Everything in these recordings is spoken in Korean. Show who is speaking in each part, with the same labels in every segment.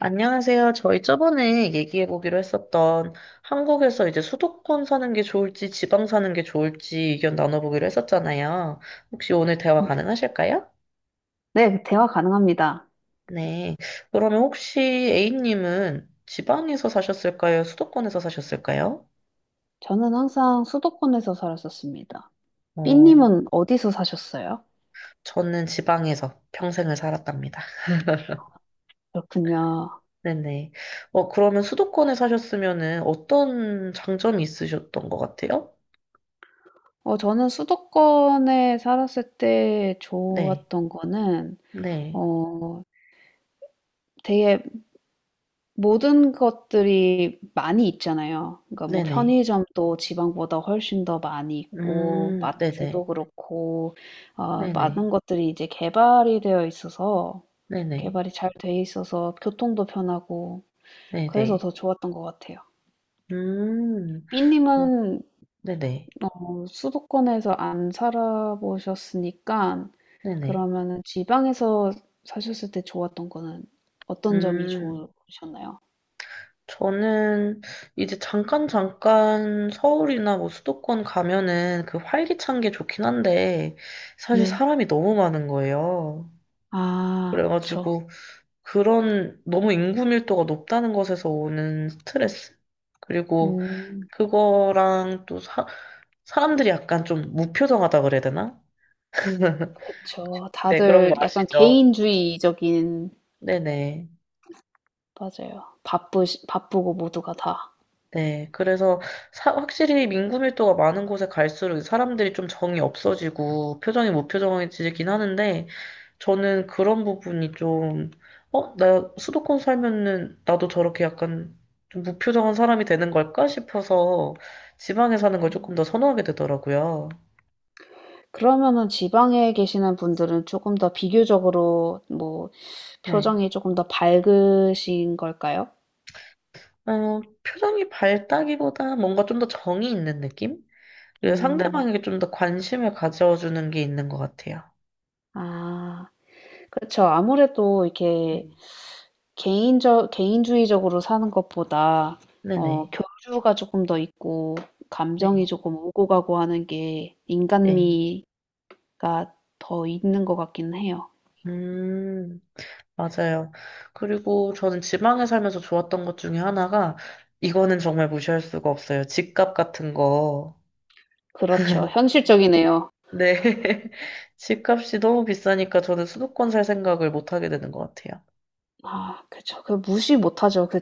Speaker 1: 안녕하세요. 저희 저번에 얘기해보기로 했었던 한국에서 이제 수도권 사는 게 좋을지 지방 사는 게 좋을지 의견 나눠보기로 했었잖아요. 혹시 오늘 대화 가능하실까요?
Speaker 2: 네, 대화 가능합니다.
Speaker 1: 네. 그러면 혹시 A님은 지방에서 사셨을까요? 수도권에서 사셨을까요?
Speaker 2: 저는 항상 수도권에서 살았었습니다.
Speaker 1: 어,
Speaker 2: 삐님은 어디서 사셨어요?
Speaker 1: 저는 지방에서 평생을 살았답니다.
Speaker 2: 그렇군요.
Speaker 1: 네네. 그러면 수도권에 사셨으면은 어떤 장점이 있으셨던 것 같아요?
Speaker 2: 저는 수도권에 살았을 때
Speaker 1: 네.
Speaker 2: 좋았던 거는,
Speaker 1: 네.
Speaker 2: 어, 되게 모든 것들이 많이 있잖아요. 그러니까 뭐
Speaker 1: 네네.
Speaker 2: 편의점도 지방보다 훨씬 더 많이 있고,
Speaker 1: 네네.
Speaker 2: 마트도 그렇고,
Speaker 1: 네네.
Speaker 2: 많은 것들이 이제 개발이 되어 있어서,
Speaker 1: 네네.
Speaker 2: 개발이 잘 돼 있어서 교통도 편하고, 그래서
Speaker 1: 네네.
Speaker 2: 더 좋았던 것 같아요.
Speaker 1: 음, 그,
Speaker 2: B님은
Speaker 1: 네네.
Speaker 2: 수도권에서 안 살아보셨으니까
Speaker 1: 네네.
Speaker 2: 그러면은 지방에서 사셨을 때 좋았던 거는 어떤 점이
Speaker 1: 음,
Speaker 2: 좋으셨나요?
Speaker 1: 저는 이제 잠깐 서울이나 뭐 수도권 가면은 그 활기찬 게 좋긴 한데 사실
Speaker 2: 네.
Speaker 1: 사람이 너무 많은 거예요.
Speaker 2: 아 그쵸.
Speaker 1: 그래가지고 그런 너무 인구 밀도가 높다는 것에서 오는 스트레스? 그리고
Speaker 2: 음
Speaker 1: 그거랑 또 사람들이 약간 좀 무표정하다 그래야 되나?
Speaker 2: 그쵸.
Speaker 1: 네, 그런 거
Speaker 2: 다들 약간
Speaker 1: 아시죠?
Speaker 2: 개인주의적인
Speaker 1: 네네.
Speaker 2: 맞아요. 바쁘시 바쁘고 모두가 다.
Speaker 1: 네, 그래서 확실히 민구밀도가 많은 곳에 갈수록 사람들이 좀 정이 없어지고 표정이 무표정해지긴 하는데 저는 그런 부분이 좀, 어, 나 수도권 살면은 나도 저렇게 약간 좀 무표정한 사람이 되는 걸까 싶어서 지방에 사는 걸 조금
Speaker 2: 음.
Speaker 1: 더 선호하게 되더라고요.
Speaker 2: 그러면은 지방에 계시는 분들은 조금 더 비교적으로 뭐
Speaker 1: 네.
Speaker 2: 표정이 조금 더 밝으신 걸까요?
Speaker 1: 어, 표정이 밝다기보다 뭔가 좀 더 정이 있는 느낌? 그리고
Speaker 2: 음.
Speaker 1: 상대방에게 좀 더 관심을 가져주는 게 있는 것 같아요.
Speaker 2: 아. 그렇죠. 아무래도
Speaker 1: 네.
Speaker 2: 이렇게 개인적 개인주의적으로 사는 것보다 어
Speaker 1: 네네.
Speaker 2: 교류가 조금 더 있고
Speaker 1: 네.
Speaker 2: 감정이 조금 오고 가고 하는 게
Speaker 1: 네.
Speaker 2: 인간미가 더 있는 것 같긴 해요.
Speaker 1: 음, 맞아요. 그리고 저는 지방에 살면서 좋았던 것 중에 하나가, 이거는 정말 무시할 수가 없어요. 집값 같은 거.
Speaker 2: 그렇죠. 현실적이네요.
Speaker 1: 네. 집값이 너무 비싸니까 저는 수도권 살 생각을 못 하게 되는 것 같아요.
Speaker 2: 아 그쵸. 그 무시 못하죠. 그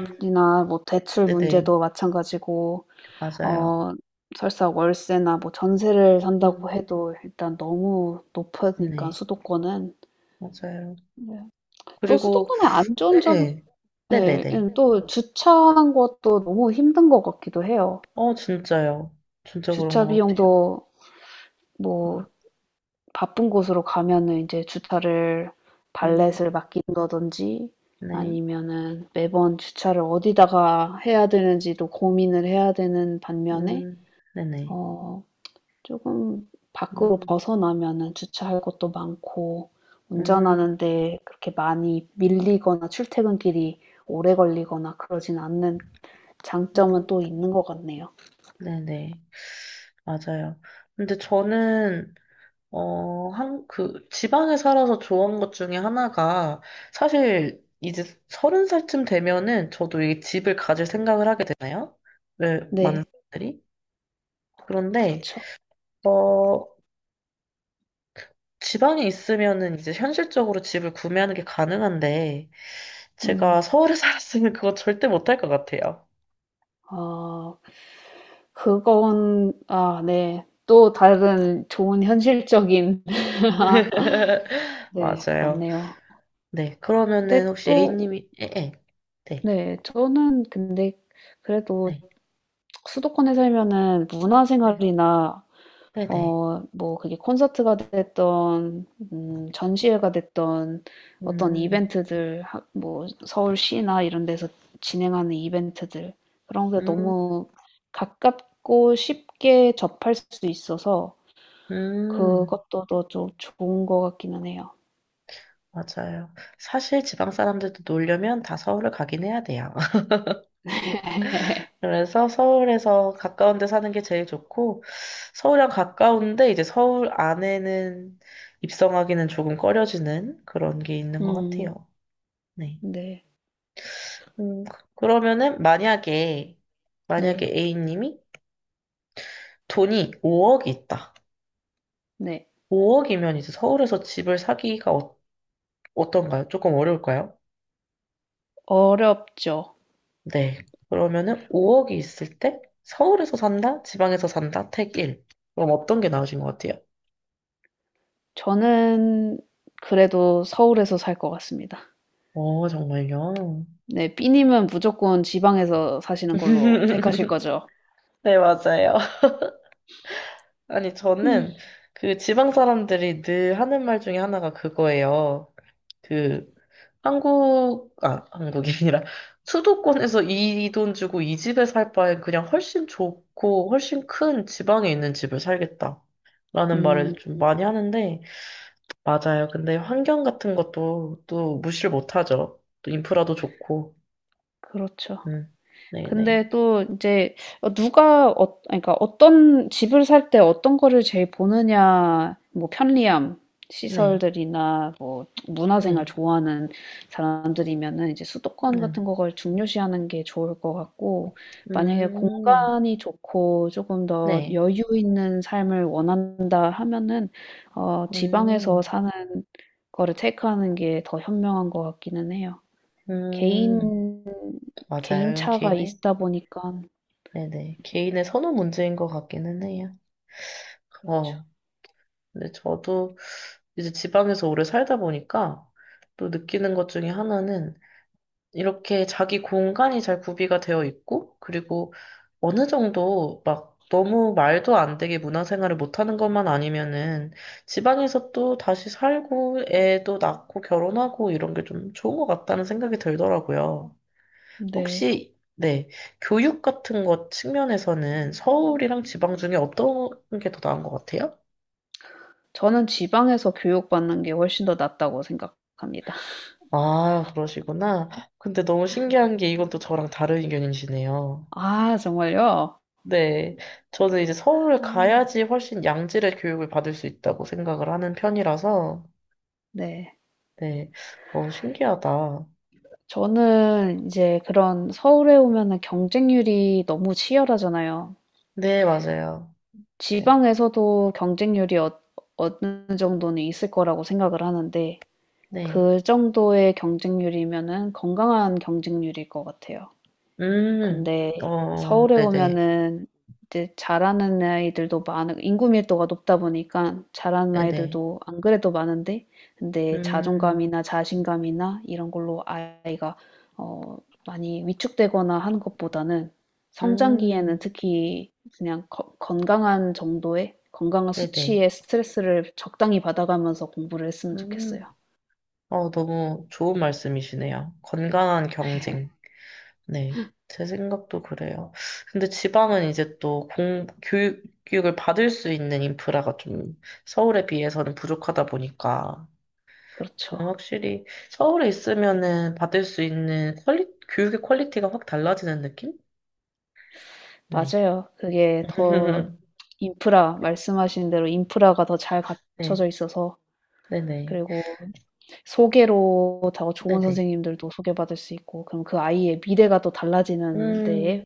Speaker 1: 음,
Speaker 2: 뭐 대출
Speaker 1: 네네.
Speaker 2: 문제도 마찬가지고
Speaker 1: 맞아요.
Speaker 2: 어 설사 월세나 뭐 전세를 산다고
Speaker 1: 음,
Speaker 2: 해도 일단 너무 높으니까
Speaker 1: 네.
Speaker 2: 수도권은.
Speaker 1: 맞아요.
Speaker 2: 네. 또
Speaker 1: 그리고,
Speaker 2: 수도권의 안
Speaker 1: 네.
Speaker 2: 좋은 점
Speaker 1: 네.
Speaker 2: 예.
Speaker 1: 네네네.
Speaker 2: 예 또 주차하는 것도 너무 힘든 것 같기도 해요.
Speaker 1: 어, 진짜요. 진짜 그런
Speaker 2: 주차
Speaker 1: 것 같아요.
Speaker 2: 비용도 뭐
Speaker 1: 음,
Speaker 2: 바쁜 곳으로 가면은 인제 주차를
Speaker 1: 음,
Speaker 2: 발렛을 맡긴다든지
Speaker 1: 네.
Speaker 2: 아니면은 매번 주차를 어디다가 해야 되는지도 고민을 해야 되는 반면에
Speaker 1: 음, 네네.
Speaker 2: 어 쪼금 밖으로
Speaker 1: 음,
Speaker 2: 벗어나면은 주차할 곳도 많고
Speaker 1: 음,
Speaker 2: 운전하는 데 그렇게 많이 밀리거나 출퇴근길이 오래 걸리거나 그러진 않는 장점은
Speaker 1: 음.
Speaker 2: 또 있는 것 같네요.
Speaker 1: 네네. 맞아요. 근데 저는, 어, 한, 그, 지방에 살아서 좋은 것 중에 하나가, 사실, 이제 서른 살쯤 되면은 저도 이 집을 가질 생각을 하게 되나요? 왜, 많은
Speaker 2: 네,
Speaker 1: 사람들이? 그런데,
Speaker 2: 그렇죠.
Speaker 1: 어, 지방에 있으면은 이제 현실적으로 집을 구매하는 게 가능한데,
Speaker 2: 음,
Speaker 1: 제가 서울에 살았으면 그거 절대 못할 것 같아요.
Speaker 2: 아, 그건, 아, 네. 또 다른 좋은 현실적인, 네,
Speaker 1: 맞아요.
Speaker 2: 맞네요.
Speaker 1: 네. 그러면은
Speaker 2: 근데
Speaker 1: 혹시
Speaker 2: 또,
Speaker 1: A님이, 예, 예. 네.
Speaker 2: 네, 저는 근데 그래도
Speaker 1: 네.
Speaker 2: 수도권에 살면은
Speaker 1: 네.
Speaker 2: 문화생활이나
Speaker 1: 네네.
Speaker 2: 어 뭐 그게 콘서트가 됐든 전시회가 됐든 어떤
Speaker 1: 음,
Speaker 2: 이벤트들 하 뭐 서울시나 이런 데서 진행하는 이벤트들 그런 게
Speaker 1: 음,
Speaker 2: 너무 가깝고 쉽게 접할 수 있어서
Speaker 1: 음,
Speaker 2: 그것도 더 좀 좋은 것 같기는 해요.
Speaker 1: 맞아요. 사실 지방 사람들도 놀려면 다 서울을 가긴 해야 돼요. 그래서 서울에서 가까운 데 사는 게 제일 좋고, 서울이랑 가까운데 이제 서울 안에는 입성하기는 조금 꺼려지는 그런 게 있는 것
Speaker 2: 음
Speaker 1: 같아요. 네.
Speaker 2: 네.
Speaker 1: 그러면은 만약에, 만약에
Speaker 2: 네.
Speaker 1: A님이 돈이 5억이 있다.
Speaker 2: 네.
Speaker 1: 5억이면 이제 서울에서 집을 사기가 어, 어떤가요? 조금 어려울까요?
Speaker 2: 어렵죠.
Speaker 1: 네. 그러면은 5억이 있을 때 서울에서 산다? 지방에서 산다? 택 1. 그럼 어떤 게 나으신 것 같아요?
Speaker 2: 저는 그래도 서울에서 살 것 같습니다.
Speaker 1: 어, 정말요?
Speaker 2: 네. B님은 무조건 지방에서 사시는 걸로 택하실 거죠?
Speaker 1: 네, 맞아요. 아니, 저는 그 지방 사람들이 늘 하는 말 중에 하나가 그거예요. 그 한국, 아, 한국이 아니라 수도권에서 이 돈 주고 이 집에 살 바엔 그냥 훨씬 좋고 훨씬 큰 지방에 있는 집을 살겠다. 라는 말을
Speaker 2: 음.
Speaker 1: 좀 많이 하는데, 맞아요. 근데 환경 같은 것도 또 무시를 못 하죠. 또 인프라도 좋고.
Speaker 2: 그렇죠.
Speaker 1: 음. 네네.
Speaker 2: 근데 또 이제 누가 그러니까 어떤 집을 살 때 어떤 거를 제일 보느냐, 뭐 편리함,
Speaker 1: 네.
Speaker 2: 시설들이나 뭐 문화생활
Speaker 1: 네.
Speaker 2: 좋아하는 사람들이면은 이제 수도권
Speaker 1: 네네.
Speaker 2: 같은 거를 중요시하는 게 좋을 것 같고 만약에
Speaker 1: 음.
Speaker 2: 공간이 좋고 조금 더
Speaker 1: 네.
Speaker 2: 여유 있는 삶을 원한다 하면은 지방에서
Speaker 1: 음.
Speaker 2: 사는 거를 테이크하는 게 더 현명한 것 같기는 해요.
Speaker 1: 음.
Speaker 2: 개인
Speaker 1: 맞아요. 이건
Speaker 2: 개인차가
Speaker 1: 개인의
Speaker 2: 있다 보니까
Speaker 1: 네네. 개인의 선호 문제인 것 같기는 해요.
Speaker 2: 그렇죠.
Speaker 1: 어. 근데 저도 이제 지방에서 오래 살다 보니까 또 느끼는 것 중에 하나는 이렇게 자기 공간이 잘 구비가 되어 있고, 그리고 어느 정도 막 너무 말도 안 되게 문화생활을 못하는 것만 아니면은 지방에서 또 다시 살고 애도 낳고 결혼하고 이런 게 좀 좋은 것 같다는 생각이 들더라고요.
Speaker 2: 네.
Speaker 1: 혹시, 네, 교육 같은 것 측면에서는 서울이랑 지방 중에 어떤 게 더 나은 것 같아요?
Speaker 2: 저는 지방에서 교육받는 게 훨씬 더 낫다고 생각합니다.
Speaker 1: 아, 그러시구나. 근데 너무 신기한 게 이건 또 저랑 다른 의견이시네요.
Speaker 2: 아 정말요?
Speaker 1: 네. 저는 이제 서울을
Speaker 2: 아.
Speaker 1: 가야지 훨씬 양질의 교육을 받을 수 있다고 생각을 하는 편이라서,
Speaker 2: 네.
Speaker 1: 네. 어, 신기하다.
Speaker 2: 저는 이제 그런 서울에 오면은 경쟁률이 너무 치열하잖아요.
Speaker 1: 네, 맞아요. 맞아요.
Speaker 2: 지방에서도 경쟁률이 어느 정도는 있을 거라고 생각을 하는데
Speaker 1: 네.
Speaker 2: 그 정도의 경쟁률이면은 건강한 경쟁률일 것 같아요.
Speaker 1: 음,
Speaker 2: 근데
Speaker 1: 어,
Speaker 2: 서울에
Speaker 1: 네네.
Speaker 2: 오면은 이제 잘하는 아이들도 많은 인구 밀도가 높다 보니까 잘하는
Speaker 1: 네네.
Speaker 2: 아이들도 안 그래도 많은데 근데
Speaker 1: 음,
Speaker 2: 자존감이나 자신감이나 이런 걸로 아이가 어 많이 위축되거나 하는 것보다는 성장기에는
Speaker 1: 음,
Speaker 2: 특히 그냥 건강한 정도의 건강한
Speaker 1: 네네.
Speaker 2: 수치의 스트레스를 적당히 받아가면서 공부를 했으면
Speaker 1: 음,
Speaker 2: 좋겠어요.
Speaker 1: 어, 너무 좋은 말씀이시네요. 건강한 경쟁. 네, 제 생각도 그래요. 근데 지방은 이제 또 교육, 교육을 받을 수 있는 인프라가 좀 서울에 비해서는 부족하다 보니까 저는
Speaker 2: 그렇죠.
Speaker 1: 확실히 서울에 있으면은 받을 수 있는 교육의 퀄리티가 확 달라지는 느낌? 네.
Speaker 2: 맞아요. 그게 더 인프라 말씀하신 대로 인프라가 더 잘 갖춰져
Speaker 1: 네,
Speaker 2: 있어서
Speaker 1: 네네.
Speaker 2: 그리고 소개로 더 좋은
Speaker 1: 네네.
Speaker 2: 선생님들도 소개받을 수 있고 그럼 그 아이의 미래가 또 달라지는 데에
Speaker 1: 음,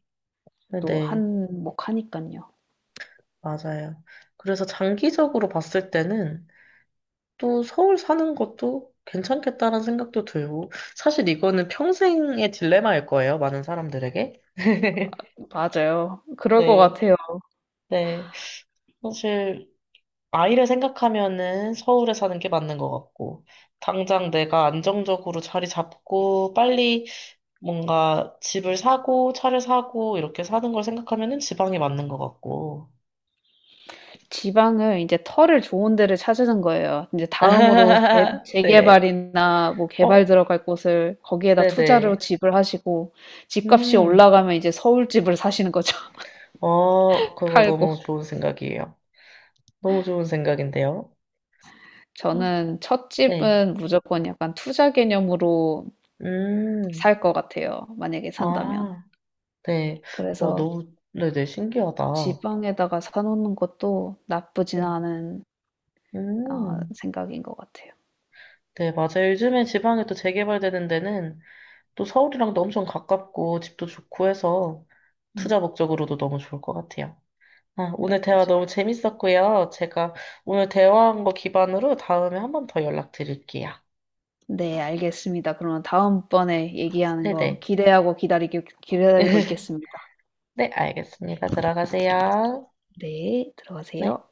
Speaker 2: 또
Speaker 1: 네네.
Speaker 2: 한몫하니깐요.
Speaker 1: 맞아요. 그래서 장기적으로 봤을 때는 또 서울 사는 것도 괜찮겠다라는 생각도 들고, 사실 이거는 평생의 딜레마일 거예요, 많은 사람들에게.
Speaker 2: 맞아요. 그럴 것
Speaker 1: 네,
Speaker 2: 같아요.
Speaker 1: 네. 사실, 아이를 생각하면은 서울에 사는 게 맞는 것 같고, 당장 내가 안정적으로 자리 잡고, 빨리 뭔가 집을 사고, 차를 사고, 이렇게 사는 걸 생각하면은 지방이 맞는 것 같고.
Speaker 2: 지방을 이제 털을 좋은 데를 찾으는 거예요. 이제 다음으로 개
Speaker 1: 네.
Speaker 2: 재개발이나 뭐 개발
Speaker 1: 어,
Speaker 2: 들어갈 곳을 거기에다 투자로
Speaker 1: 네네.
Speaker 2: 집을 하시고 집값이
Speaker 1: 음,
Speaker 2: 올라가면 이제 서울 집을 사시는 거죠,
Speaker 1: 어, 그거
Speaker 2: 팔고.
Speaker 1: 너무 좋은 생각이에요. 너무 좋은 생각인데요. 어,
Speaker 2: 저는 첫
Speaker 1: 네.
Speaker 2: 집은 무조건 약간 투자 개념으로
Speaker 1: 음,
Speaker 2: 살 것 같아요. 만약에 산다면.
Speaker 1: 아, 네. 어,
Speaker 2: 그래서
Speaker 1: 너무, 네네, 신기하다.
Speaker 2: 지방에다가 사놓는 것도 나쁘진
Speaker 1: 네.
Speaker 2: 않은 어,
Speaker 1: 음,
Speaker 2: 생각인 것 같아요.
Speaker 1: 네, 맞아요. 요즘에 지방에 또 재개발되는 데는 또 서울이랑도 엄청 가깝고 집도 좋고 해서
Speaker 2: 음,
Speaker 1: 투자 목적으로도 너무 좋을 것 같아요. 아, 오늘 대화
Speaker 2: 맞아요.
Speaker 1: 너무 재밌었고요. 제가 오늘 대화한 거 기반으로 다음에 한 번 더 연락드릴게요.
Speaker 2: 네, 알겠습니다. 그러면 다음번에 얘기하는 거
Speaker 1: 네네.
Speaker 2: 기다리고 있겠습니다.
Speaker 1: 네, 알겠습니다. 들어가세요.
Speaker 2: 네,
Speaker 1: 네.
Speaker 2: 들어가세요.